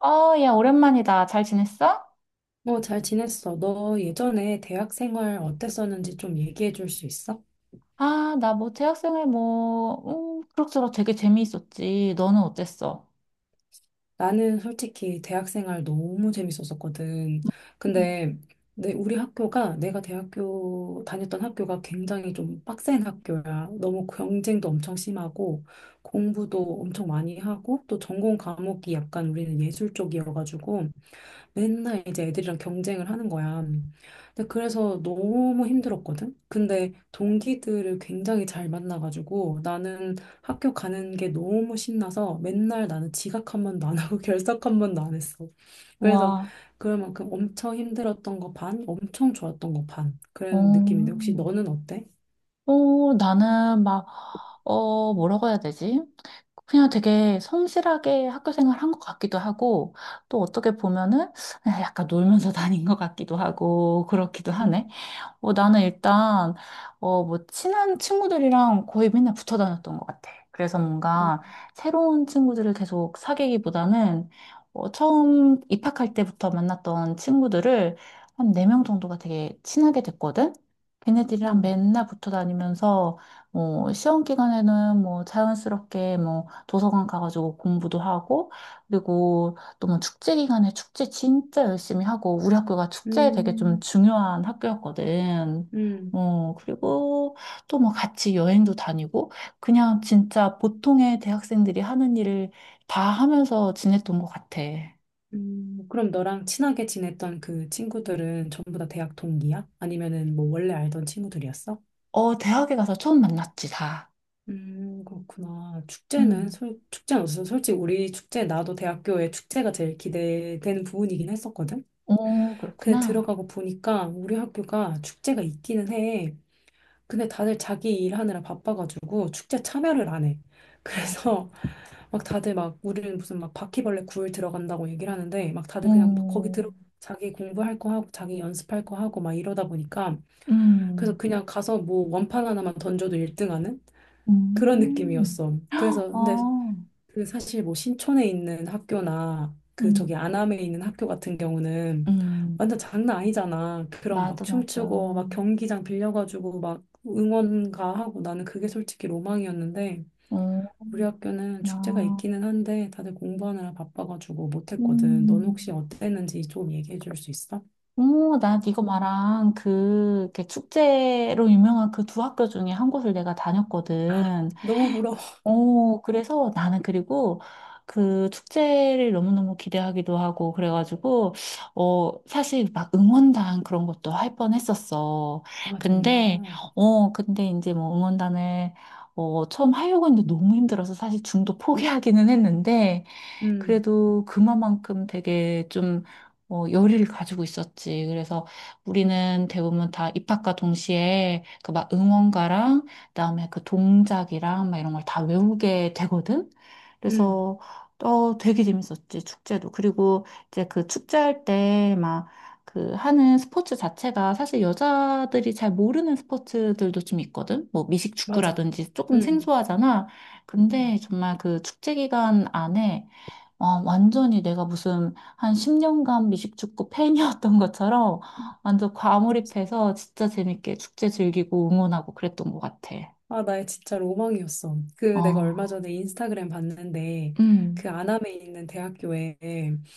아, 야, 오랜만이다. 잘 지냈어? 어, 잘 지냈어. 너 예전에 대학 생활 어땠었는지 좀 얘기해 줄 수 있어? 나 뭐 대학생활 뭐, 그럭저럭 되게 재미있었지. 너는 어땠어? 나는 솔직히 대학 생활 너무 재밌었었거든. 음. 근데 우리 학교가 내가 대학교 다녔던 학교가 굉장히 좀 빡센 학교야. 너무 경쟁도 엄청 심하고 공부도 엄청 많이 하고 또 전공 과목이 약간 우리는 예술 쪽이어가지고 맨날 이제 애들이랑 경쟁을 하는 거야. 근데 그래서 너무 힘들었거든. 근데 동기들을 굉장히 잘 만나가지고 나는 학교 가는 게 너무 신나서 맨날 나는 지각 한 번도 안 하고 결석 한 번도 안 했어. 그래서 와. 그만큼 엄청 힘들었던 거 반, 엄청 좋았던 거 반. 어, 그런 느낌인데 혹시 너는 어때? 나는 막, 뭐라고 해야 되지? 그냥 되게 성실하게 학교 생활 한 것 같기도 하고, 또 어떻게 보면은 그냥 약간 놀면서 다닌 것 같기도 하고, 그렇기도 음, 하네. 나는 일단, 뭐, 친한 친구들이랑 거의 맨날 붙어 다녔던 것 같아. 그래서 어, 뭔가 새로운 친구들을 계속 사귀기보다는, 처음 입학할 때부터 만났던 친구들을 한 네 명 정도가 되게 친하게 됐거든? 걔네들이랑 음, 맨날 붙어 다니면서, 뭐, 시험 기간에는 뭐, 자연스럽게 뭐, 도서관 가가지고 공부도 하고, 그리고 또 뭐 축제 기간에 축제 진짜 열심히 하고 우리 학교가 축제에 되게 좀 음, 중요한 학교였거든. 음. 그리고 또 뭐 같이 여행도 다니고 그냥 진짜 보통의 대학생들이 하는 일을 다 하면서 지냈던 것 같아. 그럼 너랑 친하게 지냈던 그 친구들은 전부 다 대학 동기야? 아니면은 뭐 원래 알던 친구들이었어? 대학에 가서 처음 만났지, 다. 그렇구나. 음. 축제는 없어. 솔직히 우리 축제, 나도 대학교에 축제가 제일 기대되는 부분이긴 했었거든? 어, 근데 그렇구나. 들어가고 보니까 우리 학교가 축제가 있기는 해. 근데 다들 자기 일하느라 바빠가지고 축제 참여를 안 해. 어. 그래서 막 다들 막 우리는 무슨 막 바퀴벌레 굴 들어간다고 얘기를 하는데 막 다들 그냥 막 거기 음. 들어 자기 공부할 거 하고 자기 연습할 거 하고 막 이러다 보니까 그래서 음. 그냥 가서 뭐 원판 하나만 던져도 1등 하는 그런 음. 느낌이었어. 그래서 근데 어. 그 사실 뭐 신촌에 있는 학교나 그 저기 음. 안암에 있는 학교 같은 경우는 음. 완전 장난 아니잖아. 그런 막 맞아, 맞아. 춤추고 어. 막 경기장 빌려가지고 막 응원가 하고 나는 그게 솔직히 로망이었는데 우리 학교는 축제가 아. 있기는 한데 다들 공부하느라 바빠가지고 못했거든. 넌 혹시 음, 어땠는지 좀 얘기해 줄 수 있어? 오, 나 이거 말한 그, 이렇게 축제로 유명한 그 두 학교 중에 한 곳을 내가 아, 다녔거든. 너무 부러워. 오, 그래서 나는 그리고 그 축제를 너무너무 기대하기도 하고, 그래가지고, 사실 막 응원단 그런 것도 할 뻔했었어. 아, 근데, 정말. 근데 이제 뭐 응원단을, 처음 하려고 했는데 너무 힘들어서 사실 중도 포기하기는 했는데, 응. 그래도 그만큼 되게 좀, 열의를 가지고 있었지. 그래서 우리는 대부분 다 입학과 동시에 그 막 응원가랑 그다음에 그 동작이랑 막 이런 걸 다 외우게 되거든. 응. 그래서 어, 되게 재밌었지, 축제도. 그리고 이제 그 축제할 때 막 그 하는 스포츠 자체가 사실 여자들이 잘 모르는 스포츠들도 좀 있거든. 뭐 맞아. 미식축구라든지 조금 응. 생소하잖아. 근데 정말 그 축제 기간 안에 아, 완전히 내가 무슨 한 10년간 미식축구 팬이었던 것처럼 응. 완전 과몰입해서 진짜 재밌게 축제 즐기고 응원하고 그랬던 것 같아. 아, 나의 진짜 로망이었어. 그 내가 얼마 아, 전에 인스타그램 봤는데 음, 그 안암에 있는 대학교에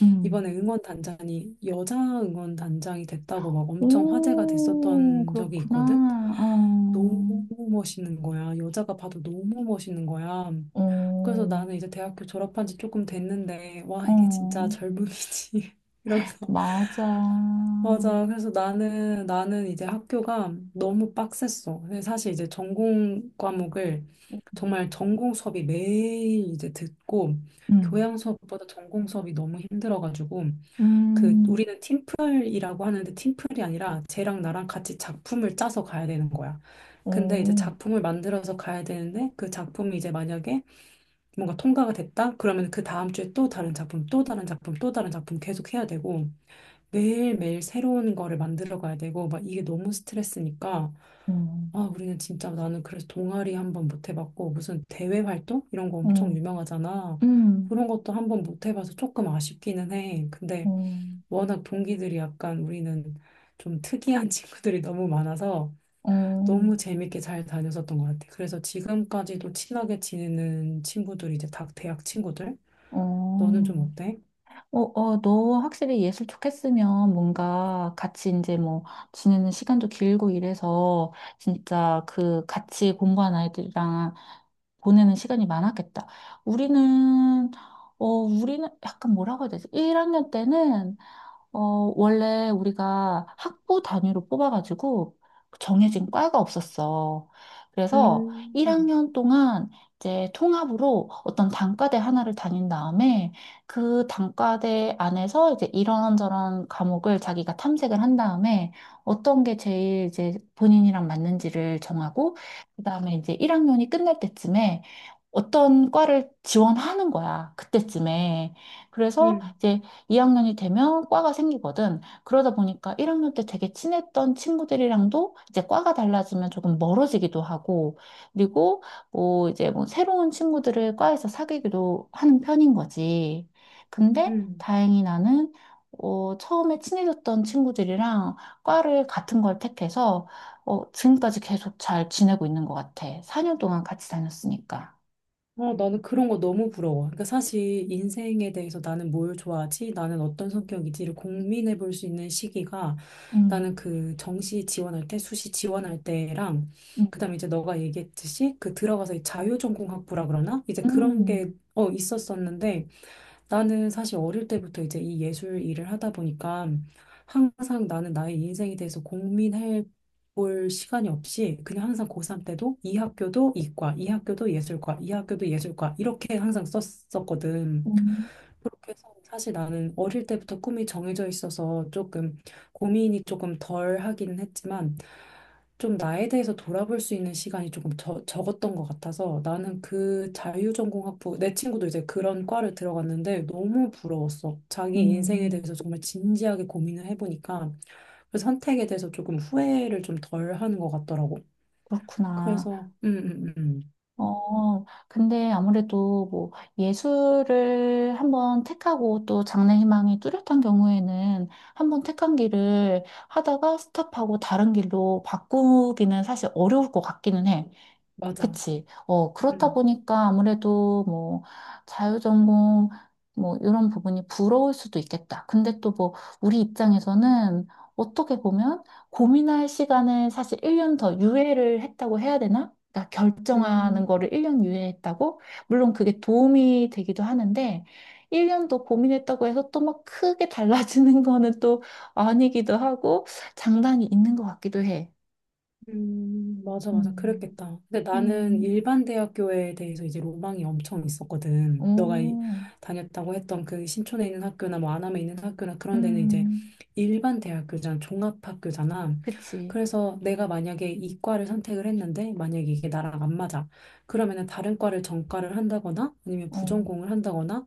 음. 이번에 응원단장이 여자 응원단장이 됐다고 막 엄청 화제가 오, 됐었던 적이 그렇구나. 있거든. 너무 어, 멋있는 거야. 여자가 봐도 너무 멋있는 거야. 그래서 어, 나는 이제 대학교 졸업한 지 조금 됐는데, 와, 이게 진짜 어, 젊음이지. 이러면서. 맞아. 맞아. 그래서 나는, 나는 이제 학교가 너무 빡셌어. 근데 사실 이제 전공 과목을 정말 전공 수업이 매일 이제 듣고, 음, 교양 수업보다 전공 수업이 너무 힘들어가지고, 그 음, 우리는 팀플이라고 하는데 팀플이 아니라 쟤랑 나랑 같이 작품을 짜서 가야 되는 거야. 근데 이제 오, 작품을 만들어서 가야 되는데 그 작품이 이제 만약에 뭔가 통과가 됐다? 그러면 그 다음 주에 또 다른 작품, 또 다른 작품, 또 다른 작품 계속 해야 되고 매일매일 새로운 거를 만들어 가야 되고 막 이게 너무 스트레스니까 어, 아 우리는 진짜 나는 그래서 동아리 한 번 못 해봤고 무슨 대외 활동 이런 거 엄청 어, 유명하잖아. 음, 그런 것도 한 번 못 해봐서 조금 아쉽기는 해. 근데 어, 워낙 동기들이 약간 우리는 좀 특이한 친구들이 너무 많아서 어, 너무 재밌게 잘 다녔었던 것 같아. 그래서 지금까지도 친하게 지내는 친구들이 이제 다 대학 친구들? 너는 어. 좀 어때? 너 확실히 예술 좋겠으면 뭔가 같이 이제 뭐 지내는 시간도 길고 이래서 진짜 그 같이 공부한 아이들이랑 보내는 시간이 많았겠다. 우리는, 우리는 약간 뭐라고 해야 되지? 1학년 때는 어, 원래 우리가 학부 단위로 뽑아가지고 정해진 과가 없었어. 그래서 음. 1학년 동안 이제 통합으로 어떤 단과대 하나를 다닌 다음에 그 단과대 안에서 이제 이런저런 과목을 자기가 탐색을 한 다음에 어떤 게 제일 이제 본인이랑 맞는지를 정하고 그다음에 이제 1학년이 끝날 때쯤에 어떤 과를 지원하는 거야. 그때쯤에. 그래서 음... 이제 2학년이 되면 과가 생기거든. 그러다 보니까 1학년 때 되게 친했던 친구들이랑도 이제 과가 달라지면 조금 멀어지기도 하고, 그리고 뭐 이제 뭐 새로운 친구들을 과에서 사귀기도 하는 편인 거지. 근데 음... 다행히 나는 처음에 친해졌던 친구들이랑 과를 같은 걸 택해서 지금까지 계속 잘 지내고 있는 것 같아. 4년 동안 같이 다녔으니까. 어, 나는 그런 거 너무 부러워. 그러니까 사실 인생에 대해서 나는 뭘 좋아하지? 나는 어떤 성격이지?를 고민해 볼 수 있는 시기가 음, 나는 그 정시 지원할 때, 수시 지원할 때랑 음, 그다음에 이제 너가 얘기했듯이 그 들어가서 이 자유전공학부라 그러나? 이제 그런 음, 게 어, 있었었는데 나는 사실 어릴 때부터 이제 이 예술 일을 하다 보니까 항상 나는 나의 인생에 대해서 고민해 볼 시간이 없이 그냥 항상 고3 때도 이 학교도 이과, 이 학교도 예술과, 이 학교도 예술과 이렇게 항상 썼었거든. 음, 그렇게 해서 사실 나는 어릴 때부터 꿈이 정해져 있어서 조금 고민이 조금 덜 하기는 했지만 좀 나에 대해서 돌아볼 수 있는 시간이 조금 적었던 것 같아서 나는 그 자유전공학부 내 친구도 이제 그런 과를 들어갔는데 너무 부러웠어. 자기 인생에 음. 대해서 정말 진지하게 고민을 해보니까 그 선택에 대해서 조금 후회를 좀 덜 하는 것 같더라고. 그렇구나. 그래서 음, 음. 어, 근데 아무래도 뭐 예술을 한번 택하고 또 장래희망이 뚜렷한 경우에는 한번 택한 길을 하다가 스탑하고 다른 길로 바꾸기는 사실 어려울 것 같기는 해. 맞아. 그치. 어, 그렇다 음. 보니까 아무래도 뭐 자유전공 뭐 이런 부분이 부러울 수도 있겠다. 근데 또 뭐 우리 입장에서는 어떻게 보면 고민할 시간을 사실 1년 더 유예를 했다고 해야 되나? 그러니까 음. 결정하는 거를 1년 유예했다고? 물론 그게 도움이 되기도 하는데 1년 더 고민했다고 해서 또 막 크게 달라지는 거는 또 아니기도 하고 장단이 있는 것 같기도 해. 맞아, 맞아. 음. 그랬겠다. 근데 나는 음. 일반 대학교에 대해서 이제 로망이 엄청 있었거든. 오. 다녔다고 했던 그 신촌에 있는 학교나 뭐 안암에 있는 학교나 그런 데는 이제 음, 일반 대학교잖아. 종합학교잖아. 그치. 그래서 내가 만약에 이과를 선택을 했는데 만약에 이게 나랑 안 맞아. 그러면은 다른 과를 전과를 한다거나 아니면 어, 부전공을 한다거나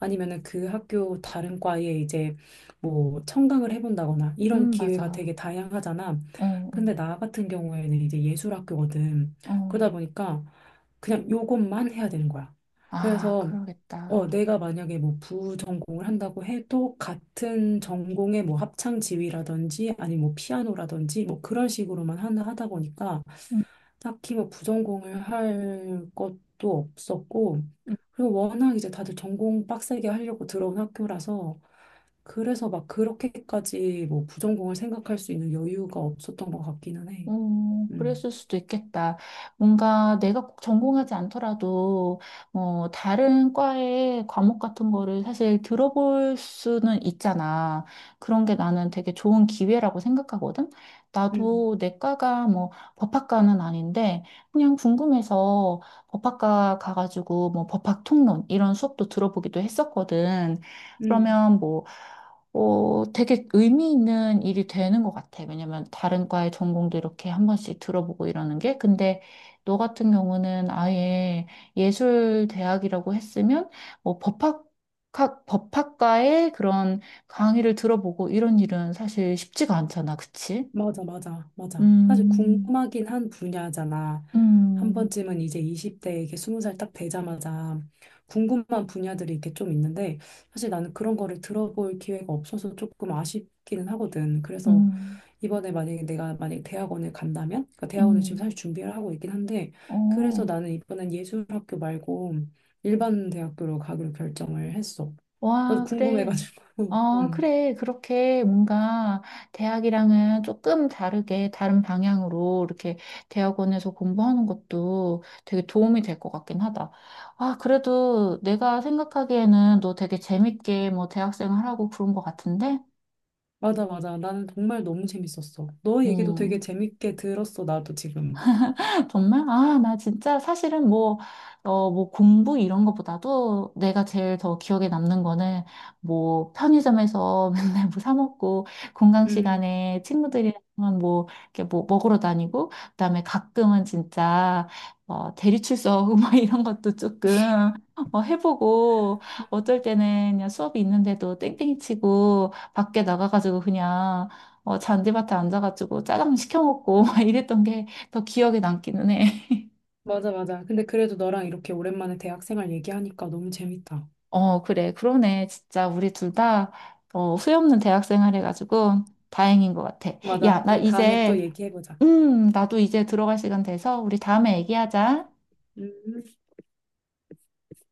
아니면은 그 학교 다른 과에 이제 뭐 청강을 해본다거나 이런 기회가 맞아. 되게 다양하잖아. 어, 어, 근데 나 같은 경우에는 이제 예술학교거든. 그러다 어. 보니까 그냥 요것만 해야 되는 거야. 아, 그래서 어, 그러겠다. 내가 만약에 뭐 부전공을 한다고 해도 같은 전공의 뭐 합창 지휘라든지 아니면 뭐 피아노라든지 뭐 그런 식으로만 하나 하다 보니까 음. 딱히 뭐 부전공을 할 것도 없었고 그리고 워낙 이제 다들 전공 빡세게 하려고 들어온 학교라서 그래서 막 그렇게까지 뭐 부전공을 생각할 수 있는 여유가 없었던 것 같기는 해. 음. 그랬을 수도 있겠다. 뭔가 내가 꼭 전공하지 않더라도, 다른 과의 과목 같은 거를 사실 들어볼 수는 있잖아. 그런 게 나는 되게 좋은 기회라고 생각하거든? 음. 나도 내 과가 뭐 법학과는 아닌데, 그냥 궁금해서 법학과 가가지고 뭐 법학 통론 이런 수업도 들어보기도 했었거든. 음. 그러면 뭐, 되게 의미 있는 일이 되는 것 같아. 왜냐면 다른 과의 전공도 이렇게 한 번씩 들어보고 이러는 게. 근데 너 같은 경우는 아예 예술대학이라고 했으면 뭐 법학과의 그런 강의를 들어보고 이런 일은 사실 쉽지가 않잖아. 그치? 맞아, 맞아, 맞아. 사실 음, 궁금하긴 한 분야잖아. 한 음, 번쯤은 이제 20대, 이게 20살 딱 되자마자 궁금한 분야들이 이렇게 좀 있는데, 사실 나는 그런 거를 들어볼 기회가 없어서 조금 아쉽기는 하거든. 그래서 음, 이번에 만약에 내가 만약에 대학원을 간다면, 그러니까 대학원을 지금 음, 사실 준비를 하고 있긴 한데, 그래서 어. 나는 이번엔 예술학교 말고 일반 대학교로 가기로 결정을 했어. 나도 와, 그래. 궁금해가지고. 어, 음. 그래. 그렇게 뭔가 대학이랑은 조금 다르게 다른 방향으로 이렇게 대학원에서 공부하는 것도 되게 도움이 될 것 같긴 하다. 아, 그래도 내가 생각하기에는 너 되게 재밌게 뭐 대학생활 하고 그런 것 같은데? 맞아, 맞아. 나는 정말 너무 재밌었어. 너 얘기도 되게 음. 재밌게 들었어, 나도 지금. 정말? 아, 나 진짜 사실은 뭐, 뭐 공부 이런 것보다도 내가 제일 더 기억에 남는 거는 뭐 편의점에서 맨날 뭐 사 먹고 공강 음, 시간에 친구들이랑 뭐 이렇게 뭐 먹으러 다니고 그다음에 가끔은 진짜 대리출석 뭐 이런 것도 조금 해보고 어쩔 때는 그냥 수업이 있는데도 땡땡이 치고 밖에 나가가지고 그냥 잔디밭에 앉아가지고 짜장 시켜 먹고 막 이랬던 게 더 기억에 남기는 해. 맞아, 맞아. 근데 그래도 너랑 이렇게 오랜만에 대학생활 얘기하니까 너무 재밌다. 어, 그래. 그러네. 진짜 우리 둘 다, 후회 없는 대학생활 해가지고 다행인 것 같아. 맞아. 야, 나 우리 다음에 또 이제, 얘기해보자. 음, 나도 이제 들어갈 시간 돼서 우리 다음에 얘기하자. 음.